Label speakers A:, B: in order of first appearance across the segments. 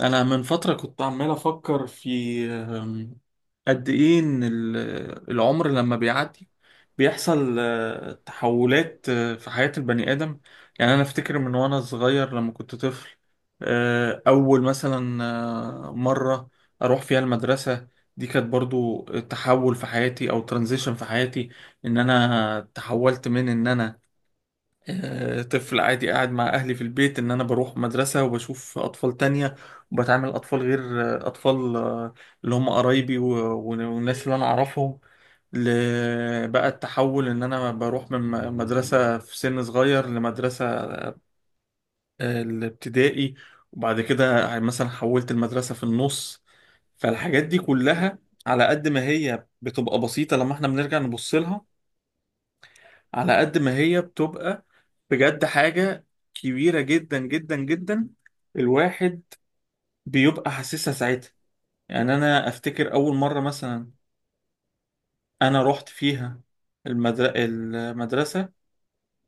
A: انا من فتره كنت عمال افكر في أم، قد ايه ان العمر لما بيعدي، بيحصل تحولات في حياه البني ادم. يعني انا افتكر من وانا صغير لما كنت طفل، اول مثلا مره اروح فيها المدرسه، دي كانت برضو تحول في حياتي او ترانزيشن في حياتي. ان انا تحولت من ان انا طفل عادي قاعد مع أهلي في البيت، إن أنا بروح مدرسة وبشوف أطفال تانية وبتعامل أطفال غير، أطفال اللي هم قرايبي والناس اللي أنا أعرفهم. بقى التحول إن أنا بروح من مدرسة في سن صغير لمدرسة، الابتدائي، وبعد كده يعني مثلا حولت المدرسة في النص. فالحاجات دي كلها على قد ما هي بتبقى بسيطة لما احنا بنرجع نبص لها، على قد ما هي بتبقى بجد حاجة كبيرة جدا جدا جدا. الواحد بيبقى حاسسها ساعتها. يعني أنا أفتكر أول مرة مثلا أنا رحت فيها المدرسة،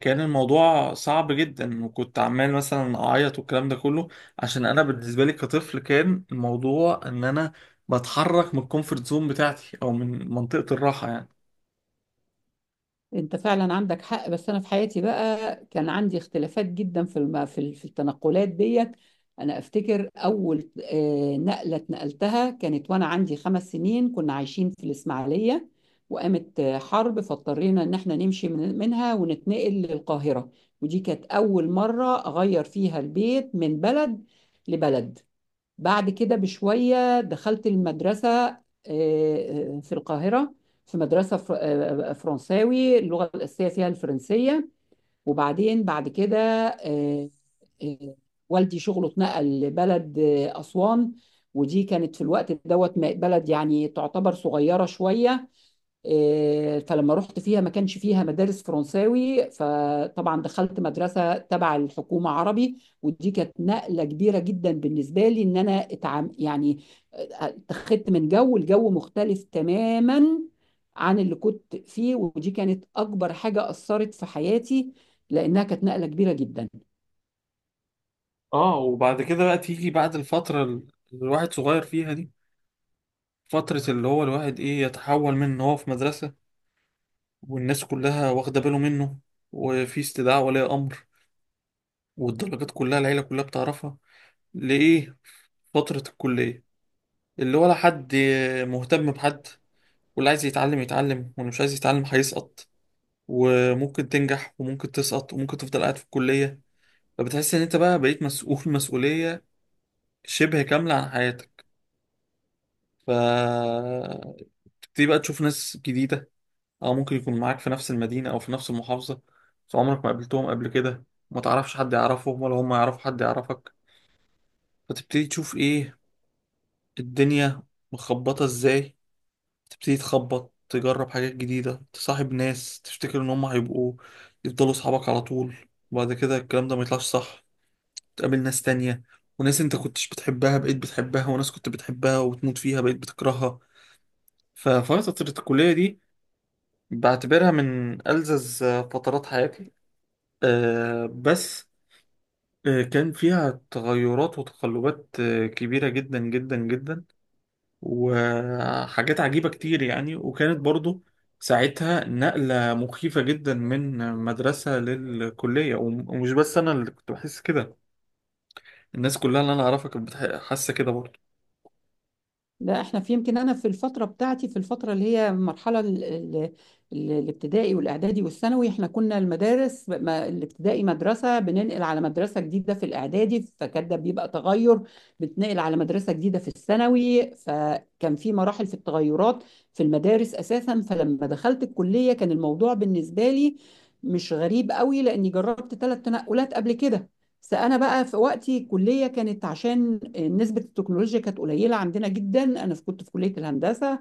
A: كان الموضوع صعب جدا وكنت عمال مثلا أعيط والكلام ده كله، عشان أنا بالنسبة لي كطفل كان الموضوع إن أنا بتحرك من الكومفورت زون بتاعتي، أو من منطقة الراحة يعني.
B: انت فعلا عندك حق، بس انا في حياتي بقى كان عندي اختلافات جدا في الم... في ال- في التنقلات ديت. انا افتكر اول نقله اتنقلتها كانت وانا عندي 5 سنين، كنا عايشين في الاسماعيليه وقامت حرب، فاضطرينا ان احنا نمشي منها ونتنقل للقاهره. ودي كانت اول مره اغير فيها البيت من بلد لبلد. بعد كده بشوية دخلت المدرسة في القاهرة، في مدرسة فرنساوي، اللغة الأساسية فيها الفرنسية. وبعدين بعد كده آه، آه، والدي شغله اتنقل لبلد أسوان. ودي كانت في الوقت دوت بلد يعني تعتبر صغيرة شوية. فلما رحت فيها ما كانش فيها مدارس فرنساوي، فطبعا دخلت مدرسة تبع الحكومة عربي، ودي كانت نقلة كبيرة جدا بالنسبة لي ان انا اتعام يعني اتخذت من الجو مختلف تماما عن اللي كنت فيه. ودي كانت اكبر حاجة اثرت في حياتي لانها كانت نقلة كبيرة جدا.
A: اه، وبعد كده بقى تيجي بعد الفترة اللي الواحد صغير فيها دي، فترة اللي هو الواحد إيه، يتحول من إن هو في مدرسة والناس كلها واخدة باله منه وفي استدعاء ولي أمر والدرجات كلها العيلة كلها بتعرفها، لإيه فترة الكلية اللي ولا حد مهتم بحد. واللي عايز يتعلم يتعلم، واللي مش عايز يتعلم هيسقط، وممكن تنجح وممكن تسقط وممكن تفضل قاعد في الكلية. فبتحس إن أنت بقى بقيت مسؤول مسؤولية شبه كاملة عن حياتك. فتبتدي بقى تشوف ناس جديدة، أو ممكن يكون معاك في نفس المدينة أو في نفس المحافظة، بس عمرك ما قابلتهم قبل كده، ما تعرفش حد يعرفهم ولا هم يعرفوا حد يعرفك. فتبتدي تشوف إيه الدنيا مخبطة إزاي. تبتدي تخبط، تجرب حاجات جديدة، تصاحب ناس تفتكر إن هم هيبقوا يفضلوا صحابك على طول، وبعد كده الكلام ده ما يطلعش صح، تقابل ناس تانية، وناس أنت كنتش بتحبها بقيت بتحبها، وناس كنت بتحبها وتموت فيها بقيت بتكرهها. ففترة الكلية دي بعتبرها من ألذذ فترات حياتي، بس كان فيها تغيرات وتقلبات كبيرة جدا جدا جدا، وحاجات عجيبة كتير يعني. وكانت برضو ساعتها نقلة مخيفة جدا من مدرسة للكلية، ومش بس أنا اللي كنت بحس كده، الناس كلها اللي أنا أعرفها كانت حاسة كده برضو.
B: لا، احنا في يمكن انا في الفتره بتاعتي، في الفتره اللي هي المرحله الابتدائي والاعدادي والثانوي، احنا كنا المدارس الابتدائي مدرسه، بننقل على مدرسه جديده في الاعدادي فكان ده بيبقى تغير، بتنقل على مدرسه جديده في الثانوي، فكان في مراحل في التغيرات في المدارس اساسا. فلما دخلت الكليه كان الموضوع بالنسبه لي مش غريب قوي، لاني جربت 3 تنقلات قبل كده. بس انا بقى في وقتي الكليه كانت عشان نسبه التكنولوجيا كانت قليله عندنا جدا، انا كنت في كليه الهندسه.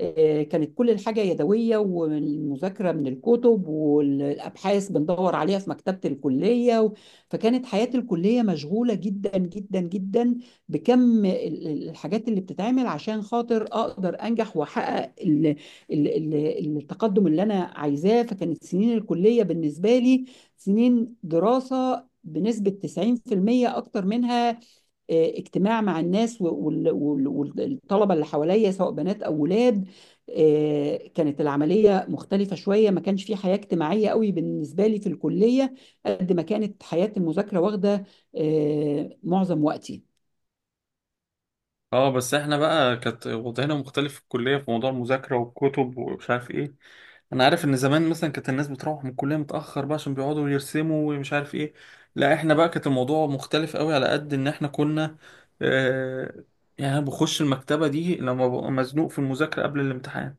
B: كانت كل الحاجه يدويه، والمذاكره من الكتب والابحاث بندور عليها في مكتبه الكليه فكانت حياه الكليه مشغوله جدا جدا جدا بكم الحاجات اللي بتتعمل عشان خاطر اقدر انجح واحقق التقدم اللي انا عايزاه. فكانت سنين الكليه بالنسبه لي سنين دراسه بنسبة 90% أكتر منها، اجتماع مع الناس والطلبة اللي حواليا سواء بنات أو ولاد. كانت العملية مختلفة شوية، ما كانش في حياة اجتماعية قوي بالنسبة لي في الكلية قد ما كانت حياة المذاكرة واخدة معظم وقتي.
A: اه، بس احنا بقى كانت وضعنا مختلف في الكلية في موضوع المذاكرة والكتب ومش عارف ايه. انا عارف ان زمان مثلا كانت الناس بتروح من الكلية متأخر بقى عشان بيقعدوا يرسموا ومش عارف ايه، لا احنا بقى كانت الموضوع مختلف قوي، على قد ان احنا كنا آه يعني، انا بخش المكتبة دي لما ببقى مزنوق في المذاكرة قبل الامتحان،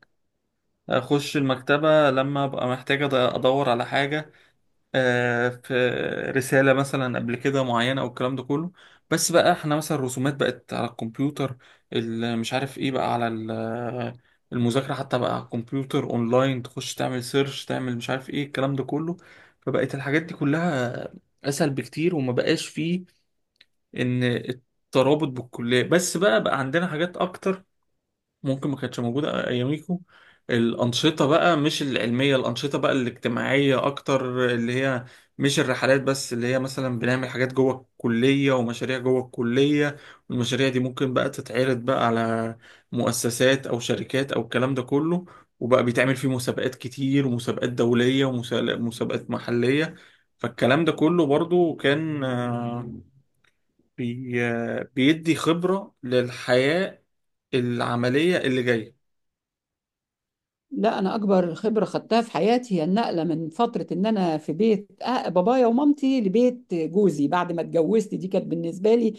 A: اخش المكتبة لما ابقى محتاج ادور على حاجة في رسالة مثلا قبل كده معينة أو الكلام ده كله. بس بقى احنا مثلا الرسومات بقت على الكمبيوتر، مش عارف ايه بقى على المذاكرة حتى بقى على الكمبيوتر اونلاين، تخش تعمل سيرش، تعمل مش عارف ايه الكلام ده كله. فبقت الحاجات دي كلها أسهل بكتير وما بقاش فيه إن الترابط بالكلية بس، بقى عندنا حاجات أكتر ممكن ما كانتش موجودة أياميكو. الأنشطة بقى، مش العلمية، الأنشطة بقى الاجتماعية أكتر، اللي هي مش الرحلات بس، اللي هي مثلا بنعمل حاجات جوه الكلية ومشاريع جوه الكلية، والمشاريع دي ممكن بقى تتعرض بقى على مؤسسات أو شركات أو الكلام ده كله، وبقى بيتعمل فيه مسابقات كتير، ومسابقات دولية ومسابقات محلية. فالكلام ده كله برضو كان آه، بي آه، بيدي خبرة للحياة العملية اللي جاية.
B: لا، انا اكبر خبره خدتها في حياتي هي النقله من فتره ان انا في بيت بابايا ومامتي لبيت جوزي بعد ما اتجوزت. دي كانت بالنسبه لي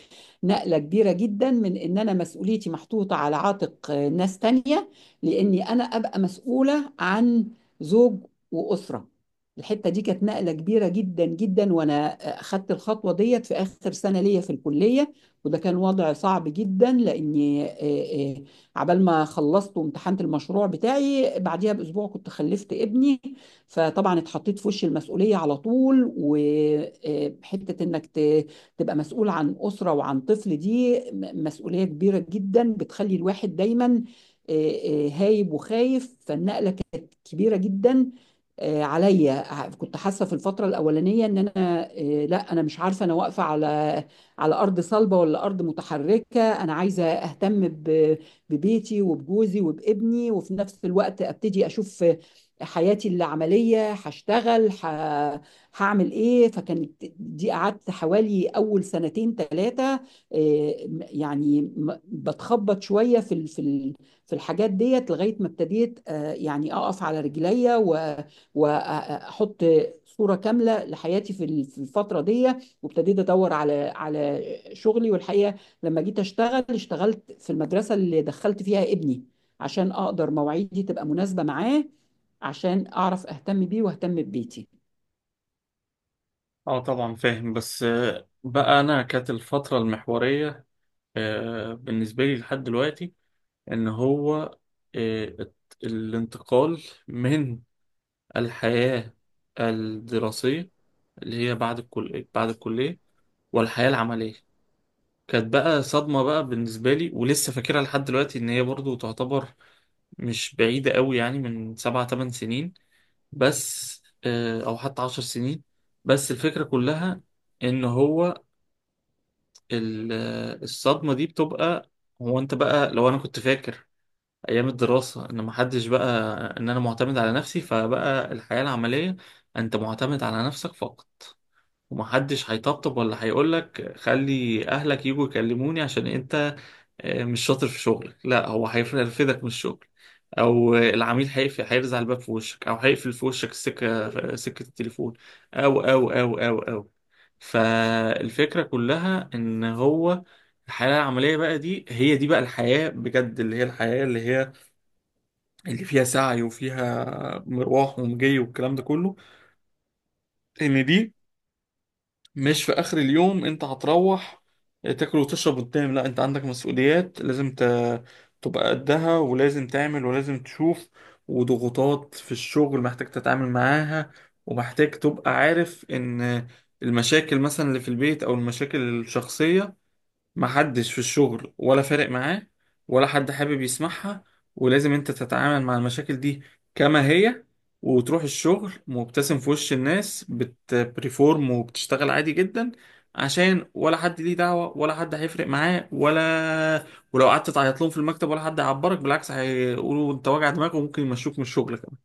B: نقله كبيره جدا من ان انا مسؤوليتي محطوطه على عاتق ناس تانية، لاني انا ابقى مسؤوله عن زوج واسره. الحته دي كانت نقله كبيره جدا جدا، وانا اخدت الخطوه ديت في اخر سنه ليا في الكليه. وده كان وضع صعب جدا لاني عبال ما خلصت وامتحنت المشروع بتاعي بعديها باسبوع كنت خلفت ابني، فطبعا اتحطيت في وش المسؤوليه على طول. وحته انك تبقى مسؤول عن اسره وعن طفل دي مسؤوليه كبيره جدا، بتخلي الواحد دايما آه، هايب وخايف. فالنقله كانت كبيره جدا عليا. كنت حاسه في الفتره الاولانيه ان انا لا، انا مش عارفه انا واقفه على ارض صلبه ولا ارض متحركه. انا عايزه اهتم ببيتي وبجوزي وبابني، وفي نفس الوقت ابتدي اشوف حياتي العمليه، هشتغل هعمل ايه. فكانت دي قعدت حوالي اول سنتين ثلاثه يعني، بتخبط شويه في الحاجات ديت لغايه ما ابتديت يعني اقف على رجليا واحط صوره كامله لحياتي في الفتره دي. وابتديت ادور على شغلي. والحقيقه لما جيت اشتغل، اشتغلت في المدرسة اللي دخلت فيها ابني عشان اقدر مواعيدي تبقى مناسبة معاه، عشان اعرف اهتم بيه واهتم ببيتي.
A: اه، طبعا فاهم. بس بقى انا كانت الفترة المحورية بالنسبة لي لحد دلوقتي، ان هو الانتقال من الحياة الدراسية اللي هي بعد الكلية، بعد الكلية والحياة العملية، كانت بقى صدمة بقى بالنسبة لي، ولسه فاكرها لحد دلوقتي، ان هي برضو تعتبر مش بعيدة قوي يعني، من 7 8 سنين بس، او حتى 10 سنين. بس الفكرة كلها ان هو ال- الصدمة دي بتبقى، هو انت بقى لو انا كنت فاكر ايام الدراسة ان محدش بقى، ان انا معتمد على نفسي، فبقى الحياة العملية انت معتمد على نفسك فقط. ومحدش هيطبطب ولا هيقولك خلي اهلك يجوا يكلموني عشان انت مش شاطر في شغلك، لا هو هيرفدك من الشغل، او العميل هيقفل، هيرزع الباب في وشك او هيقفل في وشك سكه التليفون، او. فالفكره كلها ان هو الحياه العمليه بقى دي، هي دي بقى الحياه بجد، اللي هي الحياه اللي هي اللي فيها سعي وفيها مروح ومجي والكلام ده كله، ان دي مش في اخر اليوم انت هتروح تاكل وتشرب وتنام. لا، انت عندك مسؤوليات لازم تبقى قدها، ولازم تعمل ولازم تشوف. وضغوطات في الشغل محتاج تتعامل معاها، ومحتاج تبقى عارف ان المشاكل مثلا اللي في البيت او المشاكل الشخصية محدش في الشغل ولا فارق معاه، ولا حد حابب يسمعها، ولازم انت تتعامل مع المشاكل دي كما هي، وتروح الشغل مبتسم في وش الناس، بتبريفورم وبتشتغل عادي جدا، عشان ولا حد ليه دعوة ولا حد هيفرق معاه. ولا ولو قعدت تعيط لهم في المكتب، ولا حد هيعبرك، بالعكس هيقولوا انت واجع دماغك وممكن يمشوك من الشغل كمان.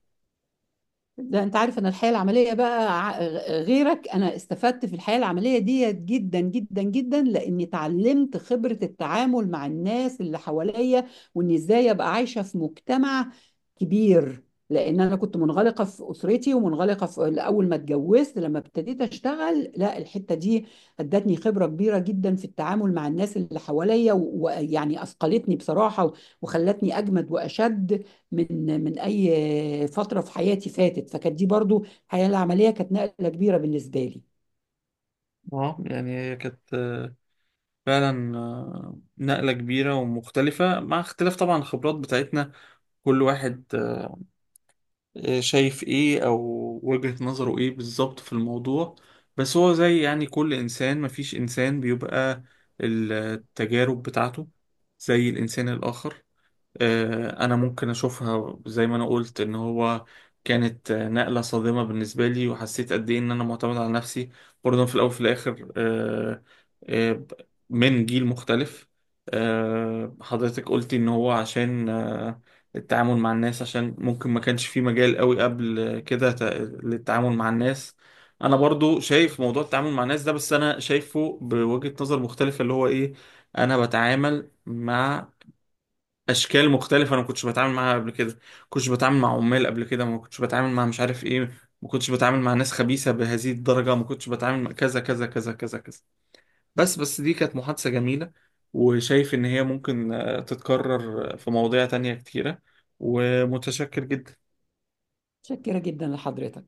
B: ده انت عارف، انا الحياه العمليه بقى غيرك، انا استفدت في الحياه العمليه ديت جدا جدا جدا، لاني اتعلمت خبره التعامل مع الناس اللي حواليا، واني ازاي ابقى عايشه في مجتمع كبير. لان انا كنت منغلقه في اسرتي، ومنغلقه في اول ما اتجوزت، لما ابتديت اشتغل، لا، الحته دي ادتني خبره كبيره جدا في التعامل مع الناس اللي حواليا ويعني اثقلتني بصراحه، وخلتني اجمد واشد من اي فتره في حياتي فاتت. فكانت دي برضو، الحياه العمليه كانت نقله كبيره بالنسبه لي.
A: اه، يعني هي كانت فعلا نقلة كبيرة ومختلفة، مع اختلاف طبعا الخبرات بتاعتنا، كل واحد شايف ايه، او وجهة نظره ايه بالظبط في الموضوع. بس هو زي يعني كل انسان، مفيش انسان بيبقى التجارب بتاعته زي الانسان الاخر. انا ممكن اشوفها زي ما انا قلت ان هو كانت نقلة صادمة بالنسبة لي، وحسيت قد ايه ان انا معتمد على نفسي، برضه في الاول وفي الاخر. آه، من جيل مختلف، حضرتك قلتي ان هو عشان التعامل مع الناس، عشان ممكن ما كانش في مجال قوي قبل كده للتعامل مع الناس. انا برضو شايف موضوع التعامل مع الناس ده، بس انا شايفه بوجهة نظر مختلفة، اللي هو ايه؟ انا بتعامل مع اشكال مختلفه انا ما كنتش بتعامل معاها قبل كده، ما كنتش بتعامل مع عمال قبل كده، ما كنتش بتعامل مع مش عارف ايه، ما كنتش بتعامل مع ناس خبيثه بهذه الدرجه، ما كنتش بتعامل مع كذا كذا كذا كذا كذا. بس دي كانت محادثه جميله، وشايف ان هي ممكن تتكرر في مواضيع تانية كتيره. ومتشكر جدا.
B: متشكره جدا لحضرتك.